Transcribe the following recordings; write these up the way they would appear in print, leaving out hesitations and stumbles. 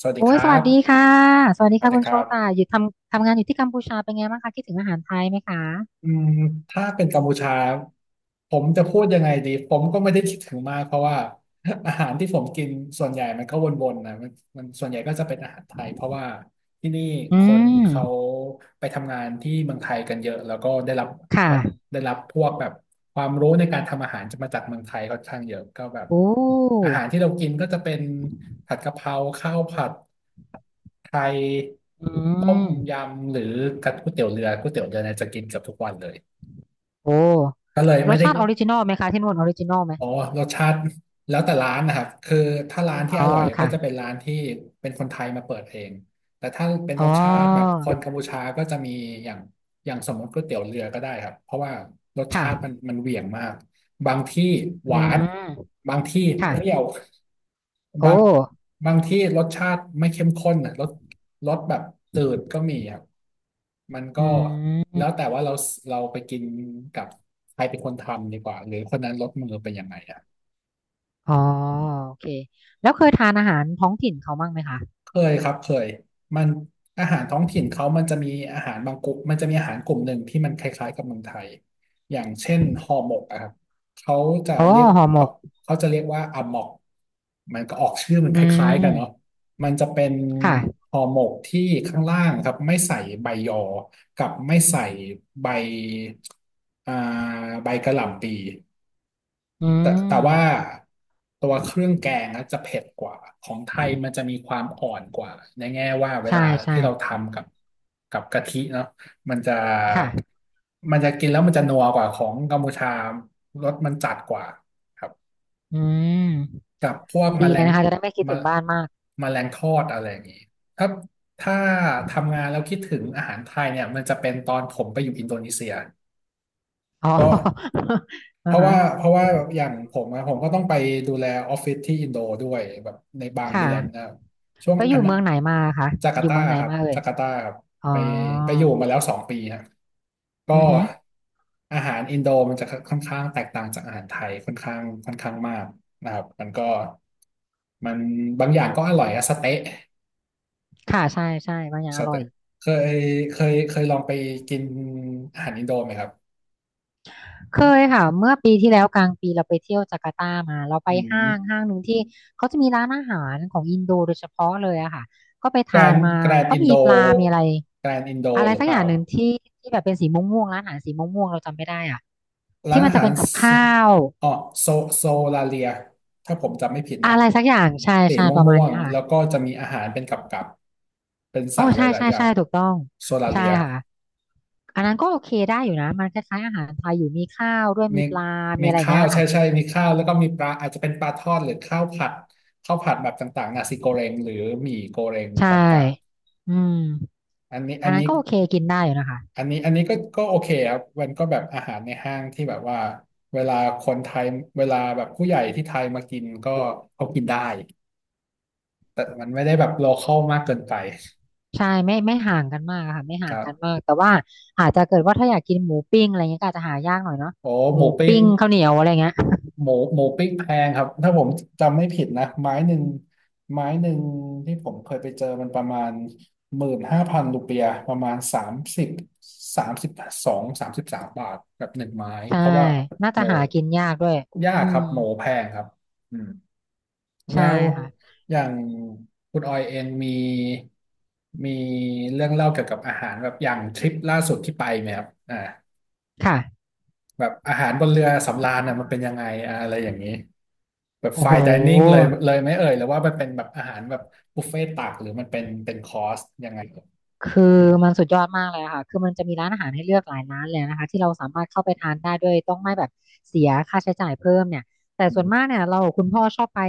สวัสดีโอ้คยรัสวัสบดีค่ะสวัสดีสวัสค่ะดีคุณคโชรัตาบอยู่ทำงานอยู่ที่กัมพูชาเป็นไงบ้างคะคิดถึงอาหารไทยไหมคะอืมถ้าเป็นกัมพูชา ผมจะพูดยังไงดี ผมก็ไม่ได้คิดถึงมากเพราะว่า อาหารที่ผมกินส่วนใหญ่มันก็วนๆนะมันส่วนใหญ่ก็จะเป็นอาหารไทยเพราะว่าที่นี่อืคนมเขาไปทำงานที่เมืองไทยกันเยอะแล้วก็วัดค่ะได้รับพวกแบบความรู้ในการทำอาหารจะมาจากเมืองไทยค่อนข้างเยอะก็แบบโอ้อาหารที่เรากินก็จะเป็นผัดกะเพราข้าวผัด ไทยอืต้มมยำหรือกับก๋วยเตี๋ยวเรือก๋วยเตี๋ยวเรือเนี่ยจะกินเกือบทุกวันเลยโอ้ก็เลยรไม่สได้ชาติออริจินอลไหมคะที่นู่นออริจินอลไหมอ๋อรสชาติแล้วแต่ร้านนะครับคือถ้าร้านอ๋ที่ออร่อยก็ค่ะจะเป็นร้านที่เป็นคนไทยมาเปิดเองแต่ถ้าเป็นอ๋อรสชาติแบบคนกัมพูชาก็จะมีอย่างอย่างสมมติก๋วยเตี๋ยวเรือก็ได้ครับเพราะว่ารสชาติมันค่ะมันเหวี่ยงมาก บางที่หอืวานมบางที่เปค่ะรี้ยวโอ้บางบางที่รสชาติไม่เข้มข้นนะรสแบบตืดก็มีครับมันก็อืแล้มวแต่ว่าเราไปกินกับใครเป็นคนทำดีกว่าหรือคนนั้นรสมือเป็นยังไง อ๋อโอเคแล้วเคยทานอาหารท้องถิ่นเขาบ้างไหมคะเคยครับเคยมันอาหารท้องถิ่นเขามันจะมีอาหารบางกลุ่มมันจะมีอาหารกลุ่มหนึ่งที่มันคล้ายๆกับเมืองไทยอย่างเช่ค่ะนห่อหมกอะครับเขาจะโอ้เรียกห่อหมเขากเขาจะเรียกว่าอะหมอกมันก็ออกชื่อมันอืคล้ายๆกันมเนาะมันจะเป็นค่ะห่อหมกที่ข้างล่างครับไม่ใส่ใบยอกับไม่ใส่ใบอ่าใบกะหล่ำปี อืแต่ว่ามตัวเครื่องแกงนะจะเผ็ดกว่าของไทยมันจะมีความอ่อนกว่าในแง่ว่าเวใช่ลาใช่ที่เราทำกับกะทิเนาะมันจะค่ะมันจะกินแล้วมันจะนัวกว่าของกัมพูชารสมันจัดกว่าครับอืม กับพวกแมดีลเลยงนะคะจะได้ไม่คิดมาถึงบ้านมากแมลงทอดอะไรอย่างนี้ถ้าถ้าทำงานแล้วคิดถึงอาหารไทยเนี่ยมันจะเป็นตอนผมไปอยู่อินโดนีเซียอ๋อ ก็ เพอ่าราะฮะว่าเพราะว่าอย่างผมอะผมก็ต้องไปดูแลออฟฟิศที่อินโดด้วยแบบในบางคเดือนนะค่ะรับช่วงแล้วออันยู่เมืองไหนมาคะจากาอร์ยู่ตาเมืองไหนครับมาเอ่ยจาการ์ตาครับอ๋อไปไปอยู่มาแล้ว2 ปีฮะก็อือฮึอาหารอินโดมันจะค่อนข้างแตกต่างจากอาหารไทยค่อนข้างมากนะครับมันบางอย่างก็อร่อยอะสเต๊ะค่ะใช่ใช่บางอย่างสอร่อย เต๊ะเคยเคยลองไปกินอาหารอินโดไหมครับเคยค่ะ เมื่อปีที่แล้วกลางปีเราไปเที่ยวจาการ์ตามาเราไปอืห้าม งห้างหนึ่งที่เขาจะมีร้านอาหารของอินโดโดยเฉพาะเลยอะค่ะก็ไปแกรทานนมาแกรนก็อินมีโดปลามีอะไรแกรนอินโดอะไรหรือสักเปอล่าย่างหนึ่งที่ที่แบบเป็นสีม่วงม่วงร้านอาหารสีม่วงม่วงเราจำไม่ได้อะร้าที่นมันอาจะหาเป็รนกับสข้าวอ๋อโซโซลาเลียถ้าผมจำไม่ผิดนะอะไรสักอย่างใช่สีใช่มประมา่ณวงเนี้ยๆค่ะ แล้วก็จะมีอาหารเป็นกับกับเป็นโอ้สั่งหใช่ลายใช่ๆอย่าใช่งถูกต้องโซลาใช่เลียค่ะอันนั้นก็โอเคได้อยู่นะมันคล้ายๆอาหารไทยอยู่มีข้าวด้วยมีมีปลามีมีอะไรอย่างข้าเงี้วยใช่ค่ะใช่มีข้าวแล้วก็มีปลาอาจจะเป็นปลาทอดหรือข้าวผัดข้าวผัดแบบต่างๆนาซิโกเรงหรือหมี่โกเรงใช่ต่างอืมๆอันนี้อัอันนนั้นนี้ ก็โอเคกินได้อยู่นะคะอันนี้อันนี้ก็โอเคครับมันก็แบบอาหารในห้างที่แบบว่าเวลาคนไทยเวลาแบบผู้ใหญ่ที่ไทยมากินก็เขากินได้แต่มันไม่ได้แบบโลคอลมากเกินไปใช่ไม่ไม่ห่างกันมากอะค่ะไม่คห่างรักันมาบกแต่ว่าอาจจะเกิดว่าถ้าอยากกินหมูปิ้งอะไรเงี้ยก็อาจจะหายากหน่อยเนาะโอ้หหมูมูปิ้งปิ้งข้าวเหนียวอะไรเงี้ยหมูปิ้งแพงครับถ้าผมจำไม่ผิดนะไม้หนึ่งที่ผมเคยไปเจอมันประมาณ15,000 รูเปียห์ประมาณสามสิบสามสิบสองสามสิบสามบาทแบบหนึ่งไม้ใช่เพราะว่าน่าหจะมูหากินยากด้วยยาอืกครัมบหมูแพงครับอืม แล้ใช่วค่ะอย่างคุณออยเองมีเรื่องเล่าเกี่ยวกับอาหารแบบอย่างทริปล่าสุดที่ไปไหมครับอ่าค่ะแบบอาหารบนเรือสำราญน่ะมันเป็นยังไงอ่าอะไรอย่างนี้แบบโอ้ไฟโห น์ไดนิ่งเลยไหมเอ่ยหรือว่ามันเป็นแบบอาหารแบบบุฟเฟ่ต์ตักหรือมันเป็นคอร์สยังไงเอ่ยคือมันสุดยอดมากเลยอะค่ะคือมันจะมีร้านอาหารให้เลือกหลายร้านเลยนะคะที่เราสามารถเข้าไปทานได้ด้วยต้องไม่แบบเสียค่าใช้จ่ายเพิ่มเนี่ยแต่อืส่วนมากมเนี่ยเราคุณพ่อชอบไป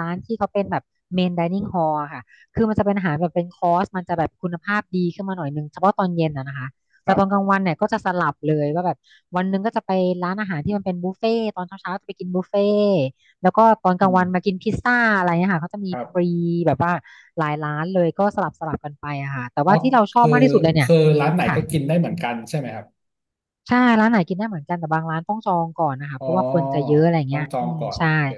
ร้านที่เขาเป็นแบบเมนไดนิ่งฮอลค่ะคือมันจะเป็นอาหารแบบเป็นคอร์สมันจะแบบคุณภาพดีขึ้นมาหน่อยนึงเฉพาะตอนเย็นอะนะคะ คแต่รับตอนกลางวันเนี่ยก็จะสลับเลยว่าแบบวันหนึงก็จะไปร้านอาหารที่มันเป็นบุฟเฟ่ต์ตอนเช้าๆจะไปกินบุฟเฟ่ แล้วก็ตอนกอืลางวันมามกินพิซซ่าอะไรเนี่ยค่ะเขาจะมีครัฟบรีแบบว่าหลายร้านเลยก็สลับกันไปอะค่ะแต่อ๋อว่าที่เราชอบคือมากที่สุดเลยเนี่ยคือร้านไหนค่ะก็กินได้เหมือนกันใช่ไหมครับใช่ร้านไหนกินได้เหมือนกันแต่บางร้านต้องจองก่อนนะคะอ๋อเพราะว่าคนจะเยอะอะไรต้อเงี้งยจองอืมก่อนใช่โอเค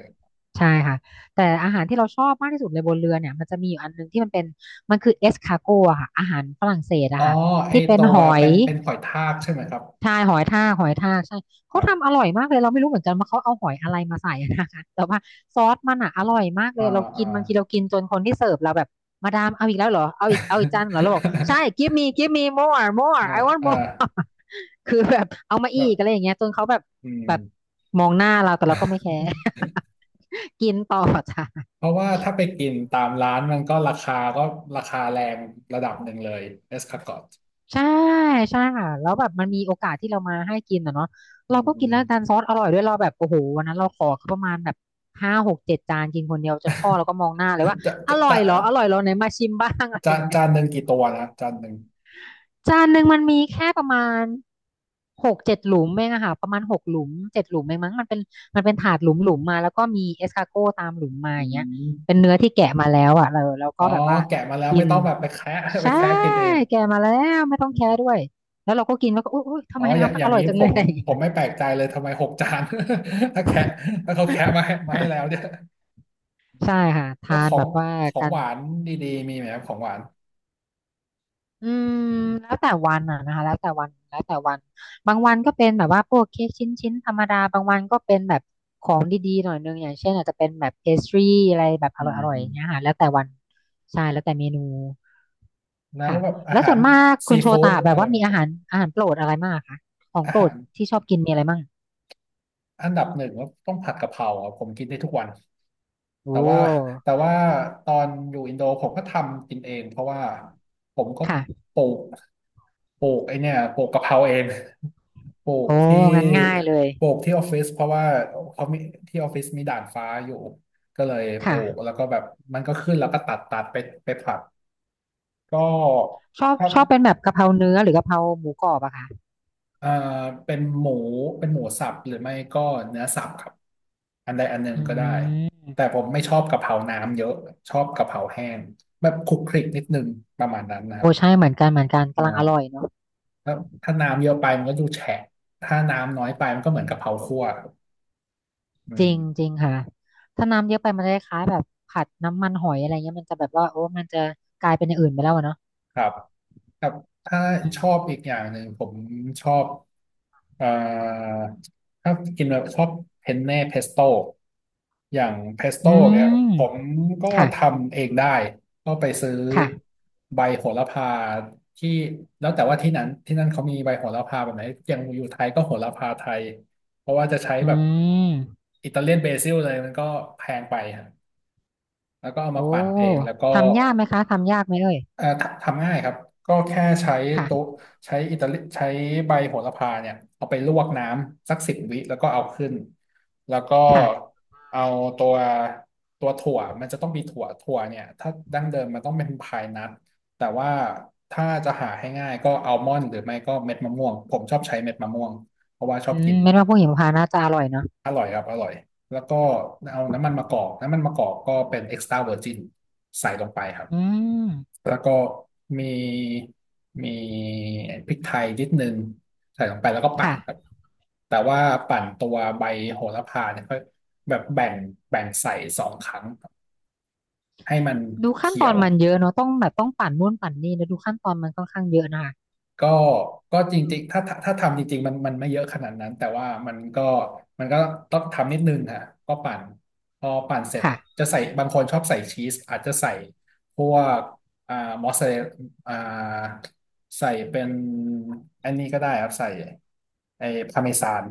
ใช่ค่ะแต่อาหารที่เราชอบมากที่สุดเลยบนเรือเนี่ยมันจะมีอยู่อันนึงที่มันเป็นมันคือเอสคาโกอะค่ะอาหารฝรั่งเศสอ๋อะอค่ะไอที่เป็นตัหวอย เป็นหอยทากใช่ไหมครับใช่หอยทากหอยทากใช่คเขารัทำบ อร่อยมากเลยเราไม่รู้เหมือนกันว่าเขาเอาหอยอะไรมาใส่นะคะ แต่ว่าซอสมันอ่ะอร่อยมากเลอ่ายเราอ่า กินบางทีเรากินจนคนที่เสิร์ฟเราแบบมาดามเอาอีกแล้วเหรอเอาอีกเอาอีกจานเหรอเราบอกใช่ give me give me more more อ่า I want อ่า more คือแบบเอามาอีแบบกอะไรอย่างเงี้ยจนเขาแบบอืมแบบมองหน้าเราแต่เราก็ไม่แคร์ กินต่อจ้ะ เพราะว่าถ้าไปกินตามร้านมันก็ราคาก็ราคาแรงระดับหนึ่งเลยเอสคาร์กอตใช่ใช่ค่ะแล้วแบบมันมีโอกาสที่เรามาให้กินอ่ะเนาะอืเรามก็อืกินมแล้วดันซอสอร่อยด้วยเราแบบโอ้โหวันนั้นเราขอเขาประมาณแบบห้าหกเจ็ดจานกินคนเดียวจนพ่อเราก็มองหน้าเลยว่าจะอจะร่อยจะเหรออร่อยเหรอไหนมาชิมบ้าง อะไรอย่างเงี้ย จานหนึ่งกี่ตัวนะจานหนึ่งจานหนึ่งมันมีแค่ประมาณหกเจ็ดหลุมเองอะค่ะประมาณหกหลุมเจ็ดหลุมเองมั้งมันเป็นมันเป็นถาดหลุมมาแล้วก็มีเอสคาโก้ตามหลุมมาอือย่างเงี้ยเป็นมเนื้อที่แกะมาแล้วอะเราอ๋ก็อแบบว่าแกะมาแล้วกิไม่นต้องแบบไปแคะ ไปใช่แคะกินเองแกะมาแล้วไม่ต้องอืแคะด้วมยแล้วเราก็กินแล้วก็อุ๊ยอุ๊ยทำอ๋อไมอย่างน้ำมัอนอย่างร่อยนี้จังผเลยมอะไรอย่างเงี้ผย มไม่แปลกใจเลยทำไม6 จาน ถ้าแคะถ้าเขาแคะมาให้แล้วเนี่ย ใช่ค่ะแล้วทาขนอแบงบว่าของกัหน วานดีๆมีไหมครับของหวานอืมแล้วแต่วันอ่ะนะคะแล้วแต่วันแล้วแต่วันบางวันก็เป็นแบบว่าพวกเค้กชิ้นชิ้นธรรมดาบางวันก็เป็นแบบของดีๆหน่อยนึงอย่างเช่นอาจจะเป็นแบบเพสทรีอะไรแบบออืร่อยๆอย่างเงี้ยม ค่ะแล้วแต่วันใช่แล้วแต่เมนูแล้วค่ะแบบอาแล้วหาส่รวนมากคุซีณโชฟู้ดตาแบอะบไรว่ามัมีนอาก็หารอาหารโปรดอะไรมากคะของอาโปรหาดรที่ชอบกินมีอะไรมั่งอันดับหนึ่งก็ต้องผัดกะเพราอะผมกินได้ทุกวันโอแต่ว่า้แต่ว่าตอนอยู่อินโดผมก็ทำกินเองเพราะว่าผมก็ค่ะปลูกปลูกไอเนี่ยปลูกกะเพราเองปลูกโอ้ที่งั้นง่ายเลยปลูกที่ออฟฟิศเพราะว่าเขามีที่ออฟฟิศมีด่านฟ้าอยู่ก็เลยปลูกค่ะแล้วก็แบบมันก็ขึ้นแล้วก็ตัดตัดไปไปผัดก็ชอบถ้า ชอบเป็นแบบกะเพราเนื้อหรือกะเพราหมูกรอบอะค่ะเอ่อเป็นหมูเป็นหมูสับหรือไม่ก็เนื้อสับครับอันใดอันหนึ่งอืก็ได้มแต่ผมไม่ชอบกะเพราน้ำเยอะชอบกะเพราแห้งแบบคลุกคลิกนิดนึงประมาณนั้นนะครัโอ้บใช่เหมือนกันเหมือนกันอ๋กำลังอร่อยอเนาะ แล้วถ้าน้ำเยอะไปมันก็ดูแฉะถ้าน้ำน้อยไปมันก็เหมือนกะเพราคั่วครับอืจริงจริม งค่ะถ้าน้ำเยอะไปมันจะคล้ายๆแบบผัดน้ำมันหอยอะไรเงี้ยมันจะแบบว่าโอ้มันจะกลายเป็นอย่างอื่นไปแล้วอะเนาะครับครับถ้าอืมชอบอีกอย่างหนึ่งผมชอบเอ่อถ้ากินแบบชอบเพนเน่เพสโต้อย่างเพสโต้อืเนี่ยผมมก็ค่ะทำเองได้ก็ไปซื้อค่ะใบโหระพาที่แล้วแต่ว่าที่นั้นที่นั่นเขามีใบโหระพาแบบไหนอย่างอยู่ไทยก็โหระพาไทยเพราะว่าจะใช้อืแบบมอิตาเลียนเบซิลเลยมันก็แพงไปฮะแล้วก็เอาโอ้มาปั่นเองแล้วก็ ทำยากไหมคะทำยากไหมเอ่ยทำทำง่ายครับก็แค่ใช้โต๊ะค่ะใช้อิตาลีใช้ใบโหระพาเนี่ยเอาไปลวกน้ำสักสิบวิแล้วก็เอาขึ้นแล้วก็ค่ะเอาตัวตัวถั่วมันจะต้องมีถั่วถั่วเนี่ยถ้าดั้งเดิมมันต้องเป็นพายนัทแต่ว่าถ้าจะหาให้ง่ายก็อัลมอนด์หรือไม่ก็เม็ดมะม่วงผมชอบใช้เม็ดมะม่วงเพราะว่าชออืบกิมน ไม่ว่าพวกหิมพานต์น่าจะอร่อยเนาะอร่อยครับอร่อยแล้วก็เอาน้ำมันมะกอกน้ำมันมะกอกก็เป็น extra virgin ใส่ลงไปครับอืมแล้วก็มีมีพริกไทยนิดนึงใส่ลงไปแล้วก็ปั่นค่ะครับแต่ว่าปั่นตัวใบโหระพาเนี่ยค่อยแบบแบ่งใส่สองครั้งครับให้มันดูขั้นเขีตยอนว มันเยอะเนาะต้องแบบต้องปั่นนู่นปั่นนี่แล้วดูขั้นตอนมันค่อนข้างเยอะนะคะก็ก็จริงๆถ้าทำจริงๆมันไม่เยอะขนาดนั้นแต่ว่ามันก็ต้องทำนิดนึงฮะก็ปั่นพอปั่นเสร็จค่ะจะใส่บางคนชอบใส่ชีสอาจจะใส่พวกอ่ามอสซาเรลอ่าใส่เป็นอันนี้ก็ได้ครับใส่ไอ้พาเมซาน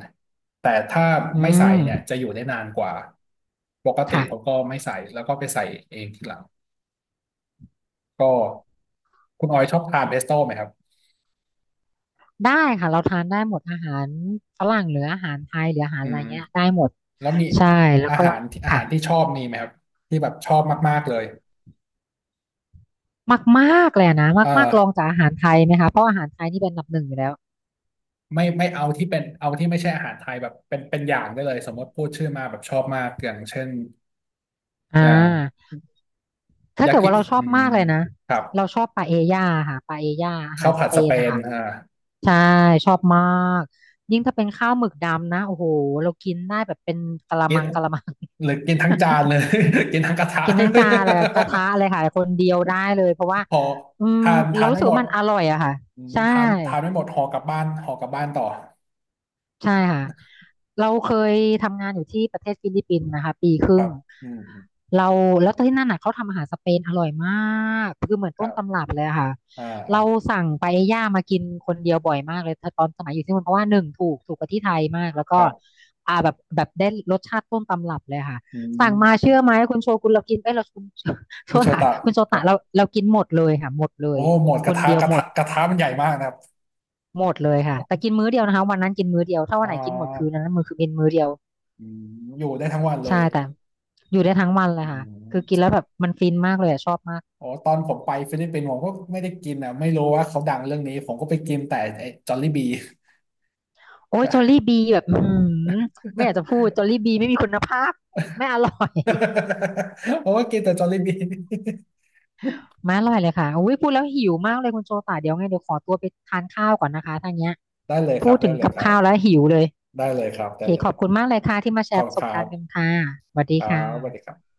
แต่ถ้าอืไม่ใส่มเนี่ยจะอยู่ได้นานกว่าปกติผมค่ะก็ไม่ใส่แล้วก็ไปใส่เองทีหลังก็คุณออยชอบทานเพสโต้ไหมครับได้ค่ะเราทานได้หมดอาหารฝรั่งหรืออาหารไทยหรืออาหารอือะไรม เงี้ยได้หมด แล้วมีใช่แล้วก็อาค่ะหารที่ชอบมีไหมครับที่แบบชอบมากๆเลยมากๆเลยอะนะเอมากๆลองอจากอาหารไทยไหมคะเพราะอาหารไทยนี่เป็นอันดับหนึ่งอยู่แล้วไม่ไม่เอาที่เป็นเอาที่ไม่ใช่อาหารไทยแบบเป็นอย่างได้เลยสมมติพูดชื่อมาแบบชอบมากอย่างเช่นอ่อย่างาถ้ายาเกิดกิว่าเราชออืบมมากเลยนะครับเราชอบปาเอญ่าค่ะปาเอญ่าอาหาข้ารวสผัดเปสเปนนะนคะอ่าใช่ชอบมากยิ่งถ้าเป็นข้าวหมึกดำนะโอ้โหเรากินได้แบบเป็นกะละกิมันงกะละมัง หรือกินทั้ งจานเลย กินทั้งกระทะ กินทั้งจานอะไรกระทะเลยค่ะคนเดียวได้เลยเพราะว่า พออืมทานเราทานรู้ไม่สึกหมว่าดมันอร่อยอะค่ะอืมใช่ ทานไม่หมดห่อกลับบ้านห่อกลับบ้านต่อใช่ค่ะเราเคยทำงานอยู่ที่ประเทศฟิลิปปินส์นะคะปีคครึ่รังบอืมเราแล้วที่นั่นน่ะเขาทำอาหารสเปนอร่อยมากคือเหมือนคต้รันตำบรับเลยอะค่ะอ่าเราอ่าสั่งปาเอญ่ามากินคนเดียวบ่อยมากเลยตอนสมัยอยู่ที่นู่นเพราะว่าหนึ่งถูกถูกกว่าที่ไทยมากแล้วคก็รับแบบได้รสชาติต้นตำรับเลยค่ะอืสั่งมามเชื่อไหมคุณโชกุนเรากินเอ้ยเราคุณโชคุณโชตะตะ คุณโชตะเราเรากินหมดเลยค่ะหมดเลโอ้ยหมดกคระนทะเดียวกระหมทะด กระทะมันใหญ่มากนะครับหมดเลยค่ะแต่กินมื้อเดียวนะคะวันนั้นกินมื้อเดียวถ้าวัอ่นไหนกินหมดคืนานั้นมือคือเป็นมื้อเดียวอืมอยู่ได้ทั้งวันเลใช่ยแต่อยู่ได้ทั้งวันเลยอืค่ะคือกินมแล้วแบบมันฟินมากเลยอะชอบมากอ๋อตอนผมไปฟิลิปปินส์ผมก็ไม่ได้กินอ่ะไม่รู้ว่าเขาดังเรื่องนี้ผมก็ไปกินแต่ไอ้จอลลี่บี โอ้ยจอลลี่บีแบบอื้อหือไม่อยากจะพูดจอลลี่บีไม่มีคุณภาพไม่อร่อย ผมก็กินแต่จอลลี่บี ไม่อร่อยเลยค่ะอุ้ยพูดแล้วหิวมากเลยคุณโชตาเดี๋ยวไงเดี๋ยวขอตัวไปทานข้าวก่อนนะคะทางเนี้ย ได้เลยคพูรัดบถึได้งเลยกับครัข้าวแล้วบหิวเลยได้เลยครับโอได้เคเลขอบยคุณมากเลยค่ะที่มาแชขอร์บประคุณสคบรัการณ์กันบค่ะสวัสดีครัค่บสวัสดีคะรับ